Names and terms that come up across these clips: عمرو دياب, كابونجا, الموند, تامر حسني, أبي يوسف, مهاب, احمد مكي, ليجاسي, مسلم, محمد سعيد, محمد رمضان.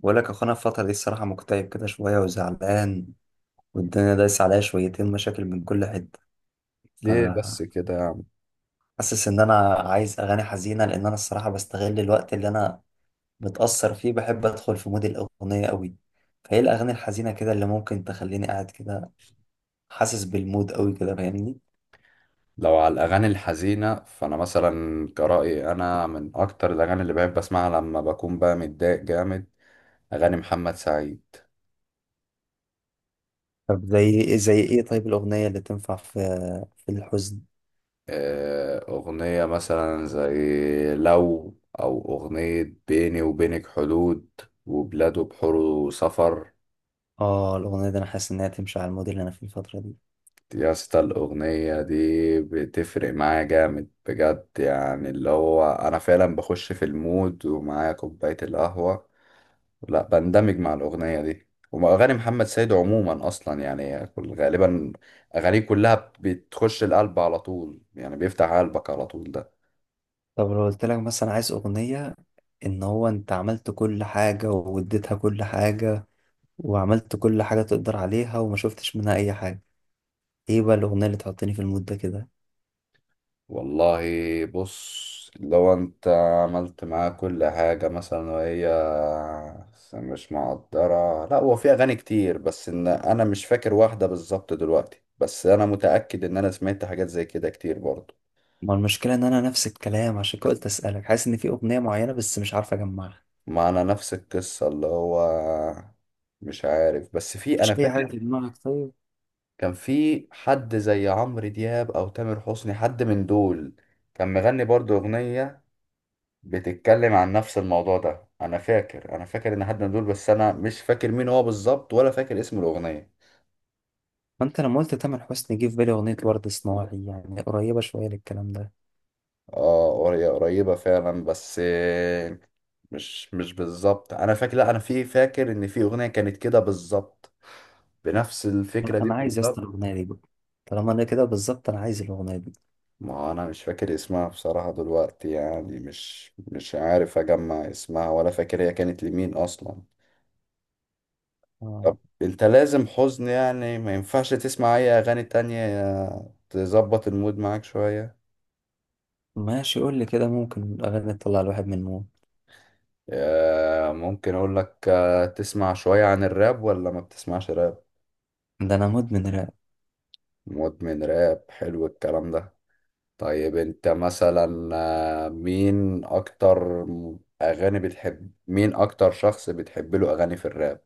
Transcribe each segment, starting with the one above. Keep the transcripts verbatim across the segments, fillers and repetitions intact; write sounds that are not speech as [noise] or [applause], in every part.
بقول لك يا اخوانا، الفترة دي الصراحة مكتئب كده شوية وزعلان، والدنيا دايسة عليا شويتين مشاكل من كل حتة. ليه بس فحاسس كده يا عم؟ إن أنا عايز أغاني حزينة، لأن أنا الصراحة بستغل الوقت اللي أنا متأثر فيه، بحب أدخل في مود الأغنية أوي. فإيه الأغاني الحزينة كده اللي ممكن تخليني قاعد كده حاسس بالمود أوي كده، فاهمني؟ لو على الأغاني الحزينة فأنا مثلا كرأيي أنا من أكتر الأغاني اللي بحب أسمعها لما بكون بقى متضايق جامد، أغاني محمد سعيد. طب زي زي إيه؟ طيب الأغنية اللي تنفع في في الحزن؟ آه، أغنية مثلا زي لو، أو أغنية بيني وبينك حدود وبلاد وبحور سفر. آه، الأغنية دي أنا حاسس إنها تمشي على المود اللي أنا فيه الفترة دي. يا اسطى الأغنية دي بتفرق معايا جامد بجد، يعني اللي هو أنا فعلا بخش في المود ومعايا كوباية القهوة. لا، بندمج مع الأغنية دي، وأغاني محمد سيد عموما أصلا يعني كل غالبا أغانيه كلها بتخش القلب على طول، يعني بيفتح قلبك على طول ده. طب لو قلت لك مثلا عايز أغنية، ان هو انت عملت كل حاجة واديتها كل حاجة، وعملت كل حاجة تقدر عليها وما شفتش منها اي حاجة، ايه بقى الاغنية اللي تحطني في المود ده كده؟ والله، بص، لو أنت عملت معاه كل حاجة مثلا وهي مش مقدرة، لا هو في أغاني كتير، بس إن أنا مش فاكر واحدة بالظبط دلوقتي، بس أنا متأكد إن أنا سمعت حاجات زي كده كتير برضه. ما المشكلة ان انا نفس الكلام، عشان كده قلت اسألك. حاسس ان في اغنية معينة بس مش عارف اجمعها. معنا نفس القصة اللي هو مش عارف، بس في انا مفيش اي حاجة فاكر في دماغك طيب؟ كان في حد زي عمرو دياب او تامر حسني، حد من دول كان مغني برضو اغنية بتتكلم عن نفس الموضوع ده. انا فاكر انا فاكر ان حد من دول، بس انا مش فاكر مين هو بالظبط ولا فاكر اسم الاغنية. ما انت لما قلت تامر حسني جه في بالي اغنية ورد صناعي، يعني قريبة شوية للكلام ده. اه، قري- قريبة فعلا، بس آه، مش مش بالظبط. انا فاكر، لا انا في فاكر ان في اغنية كانت كده بالظبط، بنفس لا، الفكرة دي انا عايز يا اسطى بالظبط. الاغنية دي بقى. طالما انا كده بالظبط انا عايز الاغنية دي. ما انا مش فاكر اسمها بصراحة دلوقتي، يعني مش مش عارف اجمع اسمها ولا فاكر هي كانت لمين اصلا. آه. طب انت لازم حزن يعني، ما ينفعش تسمع اي اغاني تانية تظبط المود معاك شوية؟ ماشي، قول لي كده، ممكن اغاني تطلع الواحد من مود؟ آه، ممكن اقول لك، آه، تسمع شوية عن الراب ولا ما بتسمعش راب؟ ده انا مدمن راب. مدمن راب، حلو الكلام ده. طيب انت مثلا، آه، مين اكتر اغاني بتحب، مين اكتر شخص بتحب له اغاني في الراب؟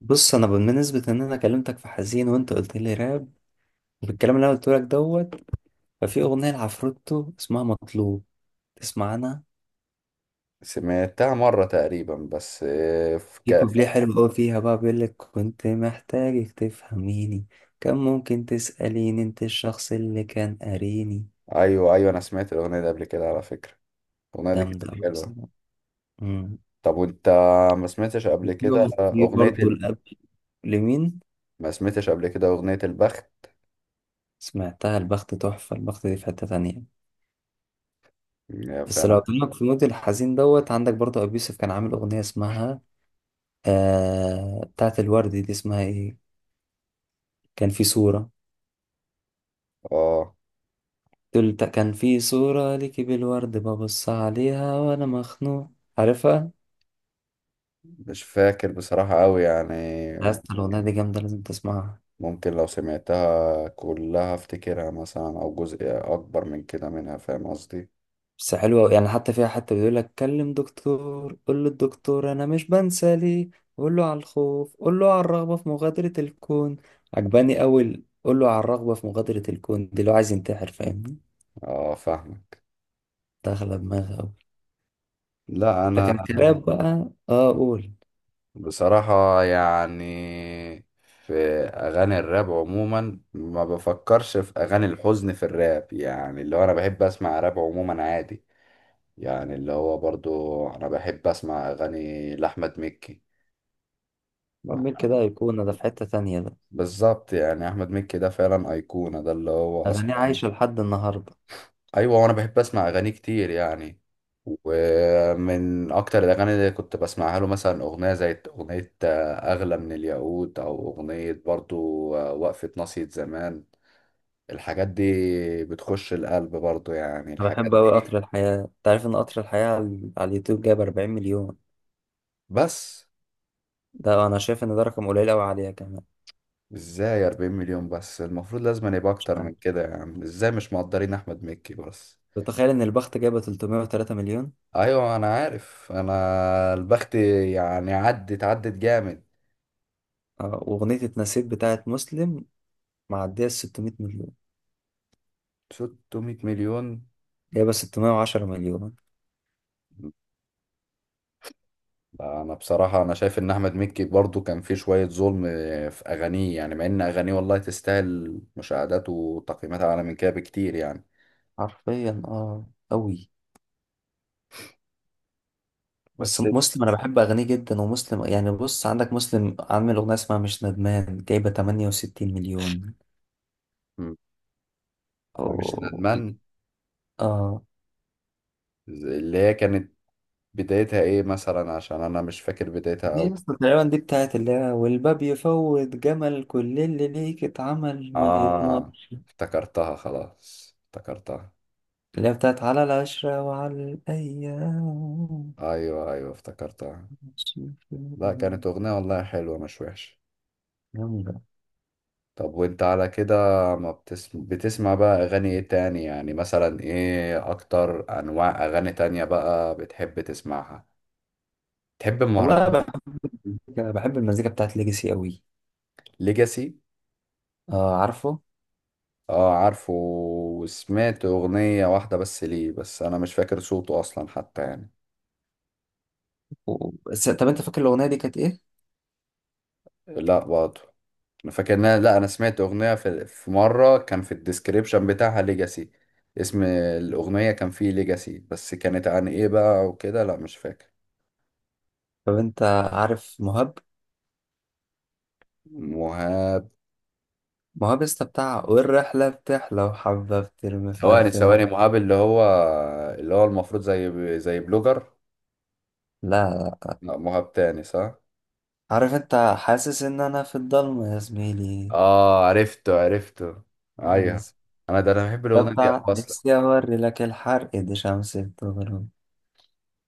بص، انا بالنسبه ان انا كلمتك في حزين وانت قلت لي راب، بالكلام اللي انا قلت لك دوت، ففي اغنيه لعفروتو اسمها مطلوب، تسمع عنها؟ سمعتها مرة تقريبا بس، آه، في في كوبليه كافة. حلو قوي فيها بقى بيقول لك كنت محتاجك تفهميني، كان ممكن تساليني، انت الشخص اللي كان قاريني. ايوه ايوه، انا سمعت الاغنية دي قبل كده على فكرة. الاغنية دي جامده كانت قوي حلوة. بصراحه. أمم. طب وانت ما سمعتش قبل وفي كده واحد- في اغنية برضه ال... الاب لمين؟ ما سمعتش قبل كده اغنية البخت؟ سمعتها، البخت تحفه، البخت دي في حته تانية. يا بس لو فعلا. قلت لك في المود الحزين دوت، عندك برضه ابيوسف كان عامل اغنيه اسمها، آه، بتاعت الورد، دي اسمها ايه؟ كان في صورة. اه، قلت كان في صورة ليكي بالورد ببص عليها وانا مخنوق، عارفها؟ مش فاكر بصراحة قوي يعني. يا اسطى الاغنية ممكن دي جامدة، لازم تسمعها. ممكن لو سمعتها كلها افتكرها مثلا، او جزء اكبر من كده منها، فاهم قصدي؟ بس حلوة أوي. يعني حتى فيها حتى بيقول لك كلم دكتور، قول للدكتور انا مش بنسى ليه، قول له على الخوف، قول له على الرغبة في مغادرة الكون. عجباني اول قول له على الرغبة في مغادرة الكون دي، لو عايز ينتحر، فاهمني؟ اه فاهمك. داخلة دماغي أوي. لا انا لكن الكلاب بقى اه قول. بصراحة يعني في اغاني الراب عموما ما بفكرش في اغاني الحزن في الراب، يعني اللي هو انا بحب اسمع راب عموما عادي. يعني اللي هو برضو انا بحب اسمع اغاني لاحمد مكي. بعمل كده أيقونة ده، في حتة تانية ده. بالظبط، يعني احمد مكي ده فعلا ايقونة، ده اللي هو أغانيه اصلا. عايشة لحد النهاردة. ايوه، وانا بحب اسمع اغاني كتير يعني. ومن اكتر الاغاني اللي كنت بسمعها له مثلا اغنية زي اغنية آه، اغلى من الياقوت، او اغنية برضو آه، وقفة ناصية زمان. الحاجات دي بتخش القلب برضو، يعني أنا الحاجات بحب أوي دي. قطر الحياة. أنت عارف إن قطر الحياة على على اليوتيوب جايب أربعين مليون؟ بس ده أنا شايف إن ده رقم قليل أوي عليها كمان. ازاي 40 مليون بس؟ المفروض لازم أن يبقى مش اكتر عارف. من كده يعني. ازاي مش مقدرين احمد مكي بس؟ تتخيل إن البخت جايبة ثلاثمائة وثلاثة مليون؟ ايوه انا عارف، انا البخت يعني عدت عدت جامد. آه، وأغنية اتنسيت بتاعت مسلم معدية ال ستمائة مليون. 600 مليون؟ جايبة ستمائة وعشرة مليون. لا، انا بصراحة انا شايف ان احمد مكي برضو كان فيه شوية ظلم في اغانيه، يعني مع ان اغانيه والله تستاهل مشاهدات وتقييمات اعلى من كده بكتير يعني. حرفيا اه. أوي. بس بس. مسلم أنا بحب أغانيه جدا، ومسلم يعني بص عندك مسلم عامل أغنية اسمها مش ندمان جايبة تمنية وستين مليون. مم. انا مش أوه. ندمان، اه. اللي هي كانت بدايتها ايه مثلا؟ عشان انا مش فاكر بدايتها. دي لسه تقريبا، دي بتاعت اللي هي والباب يفوت جمل، كل اللي ليك اتعمل ما آه، يتمرش. افتكرتها، خلاص افتكرتها. اللي هي بتاعت على العشرة وعلى الأيام. أيوه أيوه افتكرتها. شوف لا الهوى. كانت أغنية والله حلوة، مش وحشة. جامدة. طب وانت على كده، ما بتسمع بتسمع بقى أغاني ايه تاني، يعني مثلا ايه أكتر أنواع أغاني تانية بقى بتحب تسمعها؟ تحب والله المهرجان؟ بحب المزيكا، بحب المزيكا بتاعت ليجاسي قوي. ليجاسي. اه عارفه. اه عارفه، وسمعت أغنية واحدة بس ليه، بس أنا مش فاكر صوته أصلا حتى يعني. و... بس طب انت فاكر الأغنية دي كانت ايه؟ لا برضه. فاكر إن أنا- لا انا سمعت اغنيه في, في مره كان في الديسكريبشن بتاعها ليجاسي. اسم الاغنيه كان فيه ليجاسي، بس كانت عن ايه بقى وكده، لا مش فاكر. طب انت عارف مهاب؟ مهاب؟ مهاب لسه بتاع والرحلة بتحلى وحبة بترمي في ثواني ألف مح. ثواني، مهاب اللي هو اللي هو المفروض زي زي بلوجر؟ لا. لا. لا مهاب تاني، صح. عارف انت حاسس ان انا في الضلمة يا زميلي. اه عرفته عرفته. ايوه. انا ده انا بحب ده الاغنيه دي أوي بتاع اصلا. نفسي أوري لك الحرق دي شمس بتغرب.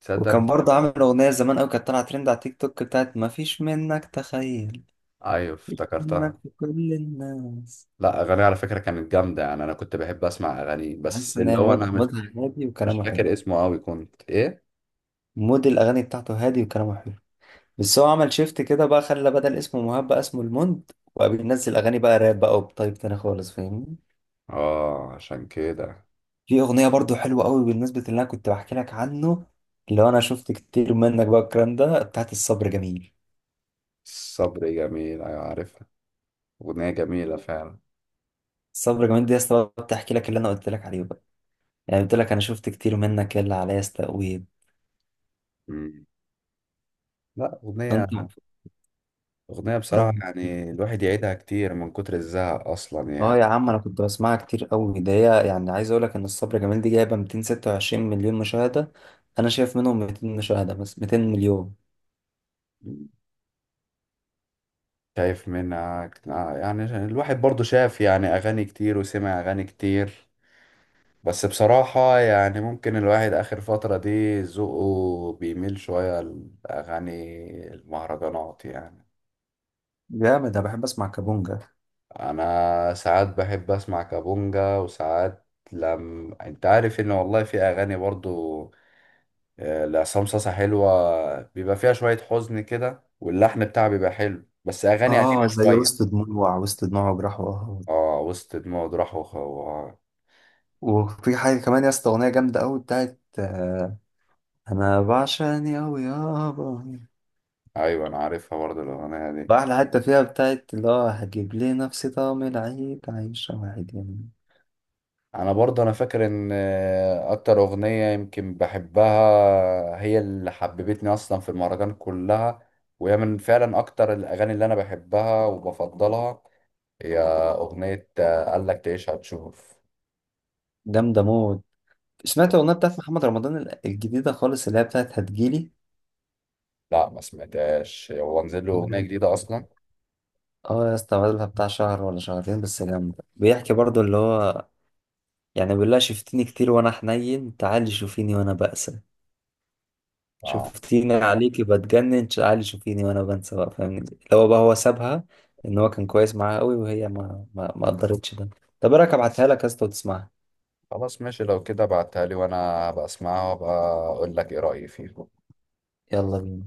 تصدق. وكان برضه عامل أغنية زمان أوي كانت طالعة ترند على تيك توك بتاعت مفيش منك تخيل، ايوه مفيش منك افتكرتها. في كل الناس. لا اغاني على فكره كانت جامده، يعني انا كنت بحب اسمع اغاني، بحس بس إن اللي هي هو مود انا مش مودها هادي مش وكلامه حلو. فاكر اسمه قوي كنت ايه. مود الأغاني بتاعته هادي وكلامه حلو. بس هو عمل شيفت كده بقى، خلى بدل اسمه مهاب بقى اسمه الموند، وبقى بينزل أغاني بقى راب بقى، وبطيب تاني خالص، فاهمني؟ اه عشان كده. في أغنية برضه حلوة أوي بالنسبة اللي أنا كنت بحكي لك عنه، اللي هو أنا شفت كتير منك بقى الكلام ده، بتاعت الصبر جميل. الصبر جميل، ايوه عارفها. اغنية جميلة فعلا. صبري جمال دي يا اسطى بقى بتحكي لك اللي انا قلت لك عليه بقى. يعني قلت لك انا شفت كتير منك يا اللي عليا استقويت. مم. لا اغنية انت. اغنية بصراحة ده- يعني [laughs] الواحد يعيدها كتير من كتر الزهق اصلا اه يعني. يا عم انا كنت بسمعها كتير قوي ده هي. يعني عايز اقول لك ان الصبر جمال دي جايبه ميتين وستة وعشرين مليون مشاهده. انا شايف منهم ميتين مشاهده، بس ميتين مليون. مم. شايف منها كت- آه، يعني الواحد برضو شاف يعني اغاني كتير وسمع اغاني كتير. بس بصراحة يعني، ممكن الواحد اخر فترة دي ذوقه بيميل شوية لاغاني المهرجانات يعني. جامد. انا بحب اسمع كابونجا. انا ساعات بحب اسمع كابونجا وساعات. لم انت عارف ان والله في اغاني برضو آه، لعصام صاصا حلوه، بيبقى فيها شويه حزن كده واللحن بتاعها بيبقى حلو، بس اغاني قديمه اه زي شويه. وسط دموع، وسط دموع وجراح وقهوة. اه، وسط دموع راح وخ... و- وفي حاجه كمان يا اسطى اغنيه جامده قوي بتاعت آه، انا بعشقني قوي يابا. ايوه انا عارفها برضو الاغنيه دي. واحدة حتى فيها بتاعت اللي هو هجيب لي نفسي طعم العيد عايشة واحد يمين. انا برضو انا فاكر ان آه، اكتر اغنيه يمكن بحبها هي اللي حببتني اصلا في المهرجان كلها، وهي من فعلا اكتر الاغاني اللي انا بحبها وبفضلها. هي أغنية آه، قال لك تعيش هتشوف. جامدة موت. سمعت الأغنية بتاعت محمد رمضان ال- الجديدة خالص اللي هي بتاعت هتجيلي؟ لا ما سمعتهاش، هو نزل له أغنية جديدة [laughs] أصلا؟ اه يا اسطى بقالها بتاع شهر ولا شهرين، بس جامدة. بيحكي برضو اللي هو، يعني بيقول لها شفتيني كتير وأنا حنين، تعالي شوفيني وأنا بأسى، اه شفتيني عليكي بتجنن، تعالي شوفيني وأنا بنسى بقى، فاهمني؟ اللي هو بقى هو سابها، إن هو كان كويس معاها قوي، وهي ما ما ما قدرتش ده. طب إيه رأيك أبعتها لك يا اسطى وتسمعها؟ خلاص ماشي، لو كده بعتها لي وأنا هبقى أسمعها وأبقى أقول لك إيه رأيي فيها. يلا بينا.